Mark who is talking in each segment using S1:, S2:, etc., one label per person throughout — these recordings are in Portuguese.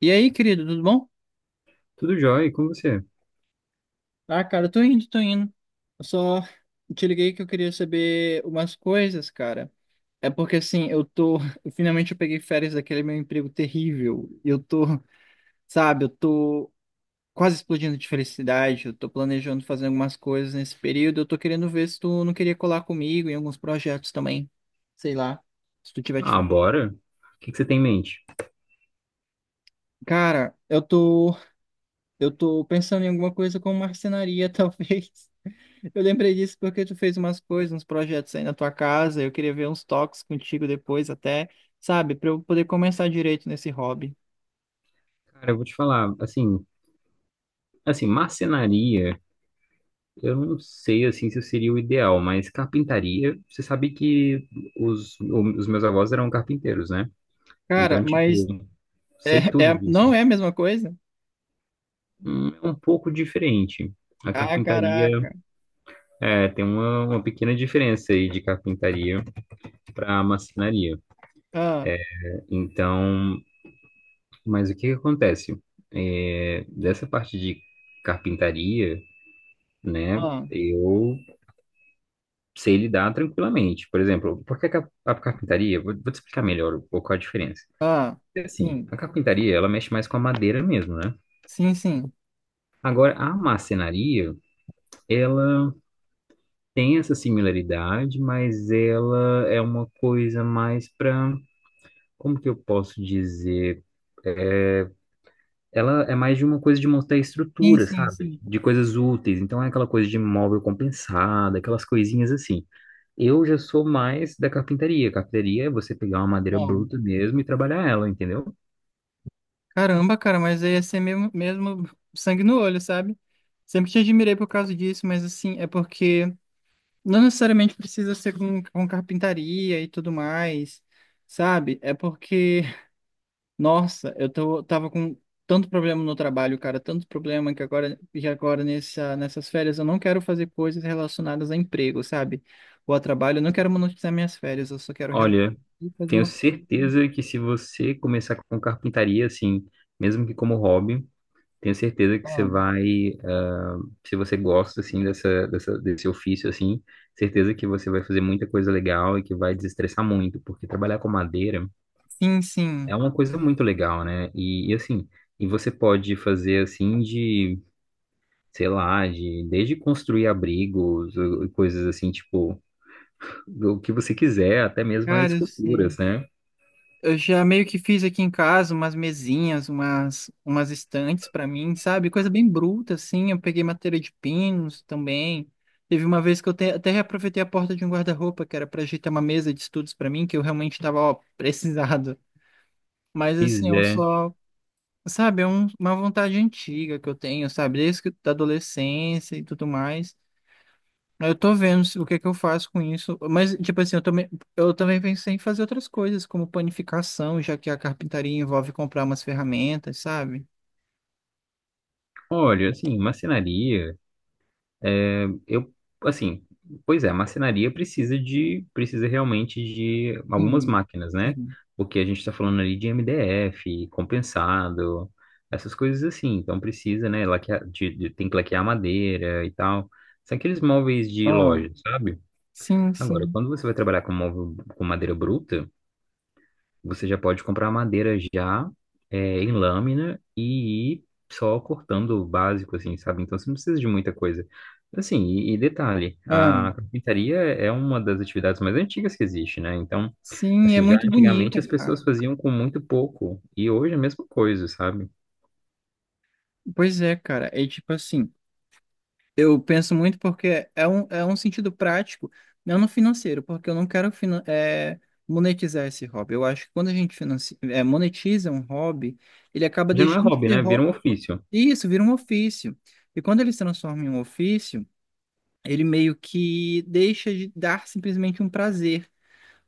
S1: E aí, querido, tudo bom?
S2: Tudo jóia, e com você?
S1: Ah, cara, eu tô indo, tô indo. Eu só te liguei que eu queria saber umas coisas, cara. É porque assim, eu tô. Finalmente eu peguei férias daquele meu emprego terrível. E eu tô, sabe, eu tô quase explodindo de felicidade. Eu tô planejando fazer algumas coisas nesse período. Eu tô querendo ver se tu não queria colar comigo em alguns projetos também. Sei lá, se tu tiver. De
S2: Ah, bora. O que que você tem em mente?
S1: Cara, Eu tô pensando em alguma coisa com marcenaria, talvez. Eu lembrei disso porque tu fez umas coisas, uns projetos aí na tua casa. Eu queria ver uns toques contigo depois, até, sabe, para eu poder começar direito nesse hobby.
S2: Cara, eu vou te falar, assim, marcenaria, eu não sei, assim, se seria o ideal, mas carpintaria, você sabe que os meus avós eram carpinteiros, né?
S1: Cara,
S2: Então,
S1: mas
S2: tipo, sei
S1: é,
S2: tudo
S1: não
S2: disso.
S1: é a mesma coisa?
S2: É um pouco diferente. A
S1: Ah,
S2: carpintaria
S1: caraca.
S2: é, tem uma pequena diferença aí de carpintaria para marcenaria.
S1: Ah,
S2: Então, mas o que que acontece? É, dessa parte de carpintaria, né?
S1: ah,
S2: Eu sei lidar tranquilamente. Por exemplo, por que que a carpintaria? Vou te explicar melhor um pouco a diferença.
S1: ah.
S2: É assim,
S1: Sim,
S2: a carpintaria, ela mexe mais com a madeira mesmo, né?
S1: sim, sim.
S2: Agora, a marcenaria, ela tem essa similaridade, mas ela é uma coisa mais para, como que eu posso dizer? é, ela é mais de uma coisa de montar
S1: Sim,
S2: estrutura,
S1: sim,
S2: sabe?
S1: sim.
S2: De coisas úteis. Então é aquela coisa de móvel compensado, aquelas coisinhas assim. Eu já sou mais da carpintaria. Carpintaria é você pegar uma madeira
S1: Ah.
S2: bruta mesmo e trabalhar ela, entendeu?
S1: Caramba, cara, mas aí ia ser mesmo, mesmo sangue no olho, sabe? Sempre te admirei por causa disso, mas assim, é porque. Não necessariamente precisa ser com carpintaria e tudo mais, sabe? É porque, nossa, eu tava com tanto problema no trabalho, cara, tanto problema que agora nessas férias eu não quero fazer coisas relacionadas a emprego, sabe? Ou a trabalho, eu não quero monetizar minhas férias, eu só quero
S2: Olha,
S1: e fazer
S2: tenho
S1: uma coisa bacana.
S2: certeza que se você começar com carpintaria, assim, mesmo que como hobby, tenho certeza que
S1: Ah,
S2: ah, se você gosta, assim, desse ofício, assim, certeza que você vai fazer muita coisa legal e que vai desestressar muito, porque trabalhar com madeira
S1: sim, sim.
S2: é uma coisa muito legal, né? Assim, e você pode fazer assim de, sei lá, de desde construir abrigos, ou coisas assim, tipo, o que você quiser, até mesmo as
S1: Cara, eu sei.
S2: esculturas, né?
S1: Eu já meio que fiz aqui em casa umas mesinhas, umas estantes para mim, sabe? Coisa bem bruta, assim. Eu peguei madeira de pinos também. Teve uma vez que eu até reaproveitei a porta de um guarda-roupa, que era para ajeitar uma mesa de estudos para mim, que eu realmente estava, ó, precisado. Mas,
S2: Pois
S1: assim, eu
S2: é.
S1: só. Sabe? É uma vontade antiga que eu tenho, sabe? Desde da adolescência e tudo mais. Eu tô vendo o que que eu faço com isso. Mas, tipo assim, eu também pensei em fazer outras coisas, como panificação, já que a carpintaria envolve comprar umas ferramentas, sabe?
S2: Olha, assim, marcenaria. É, eu, assim, pois é, a marcenaria precisa de, precisa realmente de algumas
S1: Sim,
S2: máquinas, né?
S1: sim.
S2: Porque a gente está falando ali de MDF, compensado, essas coisas assim. Então precisa, né? Laquear, tem que laquear madeira e tal. São aqueles móveis de
S1: Ah,
S2: loja, sabe?
S1: sim,
S2: Agora,
S1: sim.
S2: quando você vai trabalhar com móvel com madeira bruta, você já pode comprar madeira já em lâmina e ir só cortando o básico, assim, sabe? Então você não precisa de muita coisa. Assim, e detalhe,
S1: Ah,
S2: a carpintaria é uma das atividades mais antigas que existe, né? Então,
S1: sim, é
S2: assim, já
S1: muito
S2: antigamente
S1: bonita,
S2: as
S1: cara.
S2: pessoas faziam com muito pouco e hoje é a mesma coisa, sabe?
S1: Pois é, cara. É tipo assim, eu penso muito porque é um sentido prático, não no financeiro, porque eu não quero monetizar esse hobby. Eu acho que quando a gente financia, é, monetiza um hobby, ele acaba
S2: Já não é
S1: deixando de
S2: hobby,
S1: ser
S2: né? Vira
S1: hobby.
S2: um ofício.
S1: Isso, vira um ofício. E quando ele se transforma em um ofício, ele meio que deixa de dar simplesmente um prazer,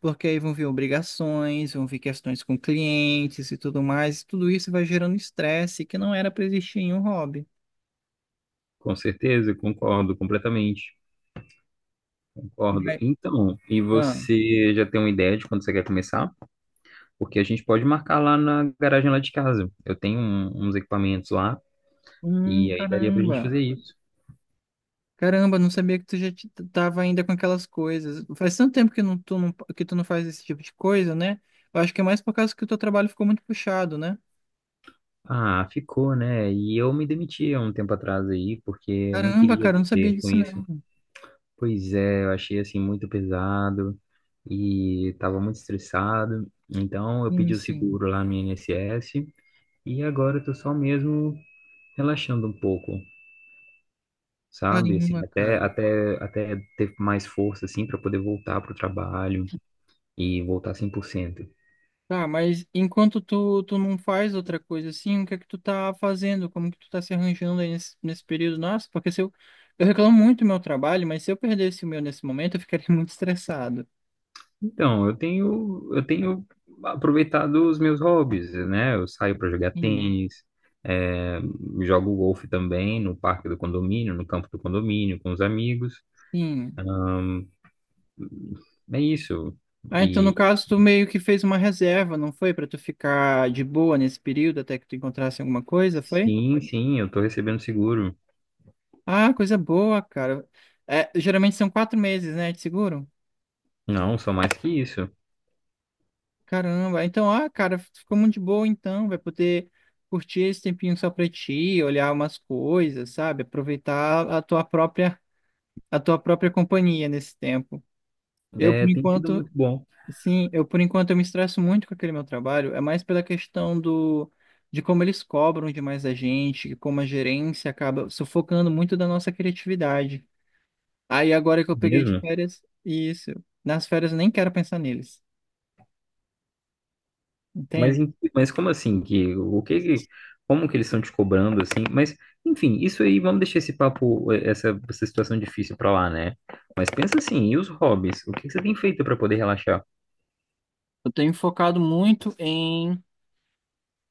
S1: porque aí vão vir obrigações, vão vir questões com clientes e tudo mais, e tudo isso vai gerando estresse que não era para existir em um hobby.
S2: Com certeza, concordo.
S1: Mas,
S2: Então, e
S1: ah,
S2: você já tem uma ideia de quando você quer começar? Porque a gente pode marcar lá na garagem lá de casa. Eu tenho uns equipamentos lá e aí daria pra gente
S1: caramba.
S2: fazer isso.
S1: Caramba, não sabia que tu já tava ainda com aquelas coisas. Faz tanto tempo que tu não faz esse tipo de coisa, né? Eu acho que é mais por causa que o teu trabalho ficou muito puxado, né?
S2: Ah, ficou, né? E eu me demiti há um tempo atrás aí, porque não
S1: Caramba,
S2: queria
S1: cara, eu não sabia
S2: viver com
S1: disso
S2: isso.
S1: não.
S2: Pois é, eu achei assim muito pesado e tava muito estressado. Então eu
S1: Sim,
S2: pedi o
S1: sim.
S2: seguro lá no INSS e agora eu tô só mesmo relaxando um pouco, sabe? Assim,
S1: Caramba,
S2: até
S1: cara.
S2: até até ter mais força assim para poder voltar pro trabalho e voltar 100%.
S1: Tá, mas enquanto tu não faz outra coisa assim, o que é que tu tá fazendo? Como que tu tá se arranjando aí nesse período? Nossa, porque se eu reclamo muito do meu trabalho, mas se eu perdesse o meu nesse momento, eu ficaria muito estressado.
S2: Então, eu tenho aproveitado os meus hobbies, né? Eu saio para jogar
S1: Sim,
S2: tênis, é, jogo golfe também no parque do condomínio, no campo do condomínio, com os amigos.
S1: sim.
S2: É isso.
S1: Ah, então no
S2: E
S1: caso tu meio que fez uma reserva, não foi? Pra tu ficar de boa nesse período até que tu encontrasse alguma coisa, foi?
S2: sim, sim, eu estou recebendo seguro.
S1: Ah, coisa boa, cara. É, geralmente são 4 meses, né, de seguro?
S2: Não, só mais que isso.
S1: Caramba, então, cara, ficou muito de boa então, vai poder curtir esse tempinho só pra ti, olhar umas coisas, sabe? Aproveitar a tua própria companhia nesse tempo. Eu, por
S2: É, tem sido
S1: enquanto,
S2: muito bom
S1: sim, eu, por enquanto, eu me estresso muito com aquele meu trabalho, é mais pela questão do, de como eles cobram demais a gente, como a gerência acaba sufocando muito da nossa criatividade. Aí, agora que eu peguei de
S2: mesmo.
S1: férias, isso, nas férias eu nem quero pensar neles,
S2: Mas,
S1: entende?
S2: mas como assim que como que eles estão te cobrando assim? Mas enfim, isso aí vamos deixar esse papo essa situação difícil pra lá, né? Mas pensa assim, e os hobbies? O que que você tem feito pra poder relaxar?
S1: Eu tenho focado muito em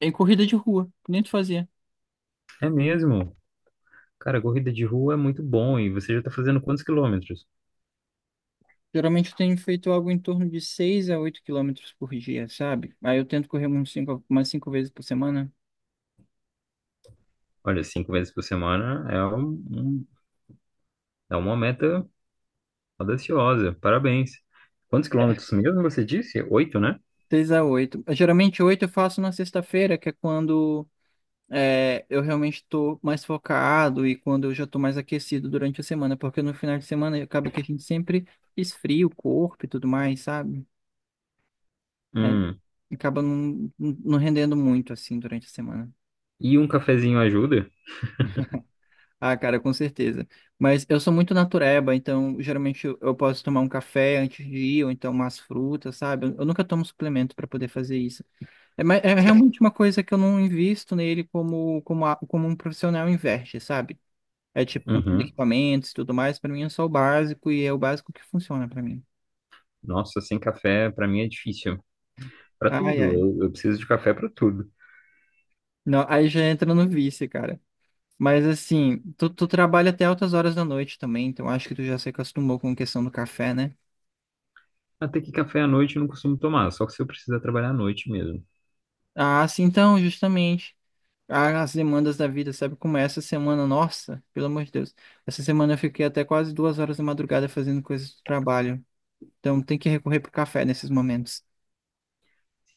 S1: em corrida de rua, que nem tu fazia.
S2: É mesmo? Cara, corrida de rua é muito bom e você já tá fazendo quantos quilômetros?
S1: Geralmente eu tenho feito algo em torno de 6 a 8 quilômetros por dia, sabe? Aí eu tento correr umas cinco vezes por semana.
S2: Olha, 5 vezes por semana é é uma meta audaciosa. Parabéns. Quantos quilômetros mesmo você disse? Oito, né?
S1: 6 a 8. Geralmente 8 eu faço na sexta-feira, que é quando é, eu realmente estou mais focado e quando eu já estou mais aquecido durante a semana, porque no final de semana acaba que a gente sempre esfria o corpo e tudo mais, sabe? Aí
S2: Hum.
S1: acaba não rendendo muito assim durante a semana.
S2: E um cafezinho ajuda?
S1: Ah, cara, com certeza. Mas eu sou muito natureba, então geralmente eu posso tomar um café antes de ir, ou então umas frutas, sabe? Eu nunca tomo suplemento para poder fazer isso. É, é realmente uma coisa que eu não invisto nele como, como, como um profissional investe, sabe? É tipo comprando
S2: Uhum.
S1: equipamentos e tudo mais, para mim é só o básico e é o básico que funciona para mim.
S2: Nossa, sem café pra mim é difícil. Para
S1: Ai,
S2: tudo,
S1: ai.
S2: eu preciso de café para tudo.
S1: Não, aí já entra no vício, cara. Mas assim, tu trabalha até altas horas da noite também, então acho que tu já se acostumou com a questão do café, né?
S2: Até que café à noite eu não costumo tomar, só que se eu precisar trabalhar à noite mesmo.
S1: Ah, sim, então, justamente. Ah, as demandas da vida, sabe? Como é essa semana, nossa, pelo amor de Deus. Essa semana eu fiquei até quase duas horas da madrugada fazendo coisas do trabalho. Então tem que recorrer pro café nesses momentos.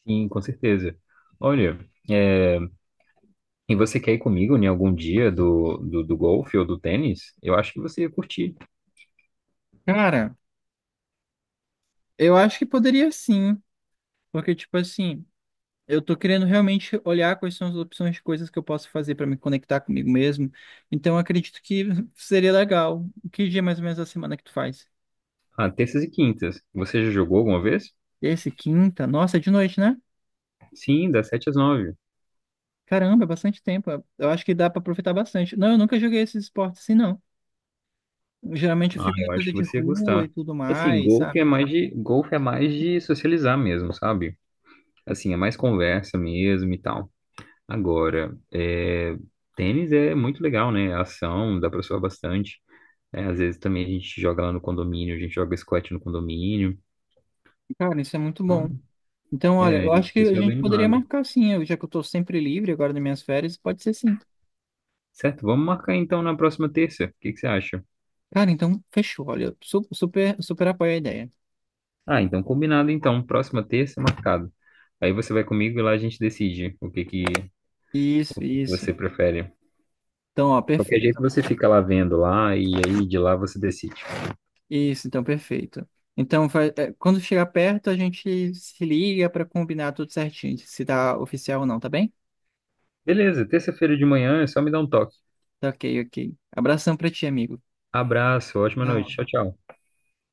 S2: Sim, com certeza. Olha, é, e você quer ir comigo em algum dia do golfe ou do tênis? Eu acho que você ia curtir.
S1: Cara, eu acho que poderia sim, porque tipo assim, eu tô querendo realmente olhar quais são as opções de coisas que eu posso fazer para me conectar comigo mesmo. Então eu acredito que seria legal. Que dia mais ou menos da semana que tu faz?
S2: Ah, terças e quintas. Você já jogou alguma vez?
S1: Esse quinta? Nossa, é de noite, né?
S2: Sim, das 7 às 9.
S1: Caramba, é bastante tempo. Eu acho que dá pra aproveitar bastante. Não, eu nunca joguei esses esportes assim, não. Geralmente eu
S2: Ah,
S1: fico na
S2: eu acho
S1: coisa
S2: que
S1: de
S2: você ia
S1: rua e
S2: gostar.
S1: tudo
S2: Assim,
S1: mais, sabe?
S2: golfe é mais de socializar mesmo, sabe? Assim, é mais conversa mesmo e tal. Agora, é, tênis é muito legal, né? A ação, dá pra suar bastante. É, às vezes também a gente joga lá no condomínio, a gente joga squat no condomínio.
S1: Cara, isso é muito bom.
S2: Então,
S1: Então, olha,
S2: é,
S1: eu
S2: a
S1: acho
S2: gente
S1: que a
S2: fica bem
S1: gente poderia
S2: animado.
S1: marcar sim, já que eu tô sempre livre agora nas minhas férias, pode ser sim.
S2: Certo, vamos marcar então na próxima terça. O que que você acha?
S1: Cara, então, fechou, olha, super, super apoio a ideia.
S2: Ah, então combinado então. Próxima terça, marcado. Aí você vai comigo e lá a gente decide o
S1: Isso,
S2: que que
S1: isso.
S2: você prefere.
S1: Então, ó,
S2: De qualquer jeito
S1: perfeito.
S2: você fica lá vendo lá e aí de lá você decide.
S1: Isso, então, perfeito. Então, quando chegar perto, a gente se liga pra combinar tudo certinho, se tá oficial ou não, tá bem?
S2: Beleza, terça-feira de manhã é só me dar um toque.
S1: Tá ok, ok. Abração pra ti, amigo.
S2: Abraço, ótima noite.
S1: Tchau.
S2: Tchau, tchau.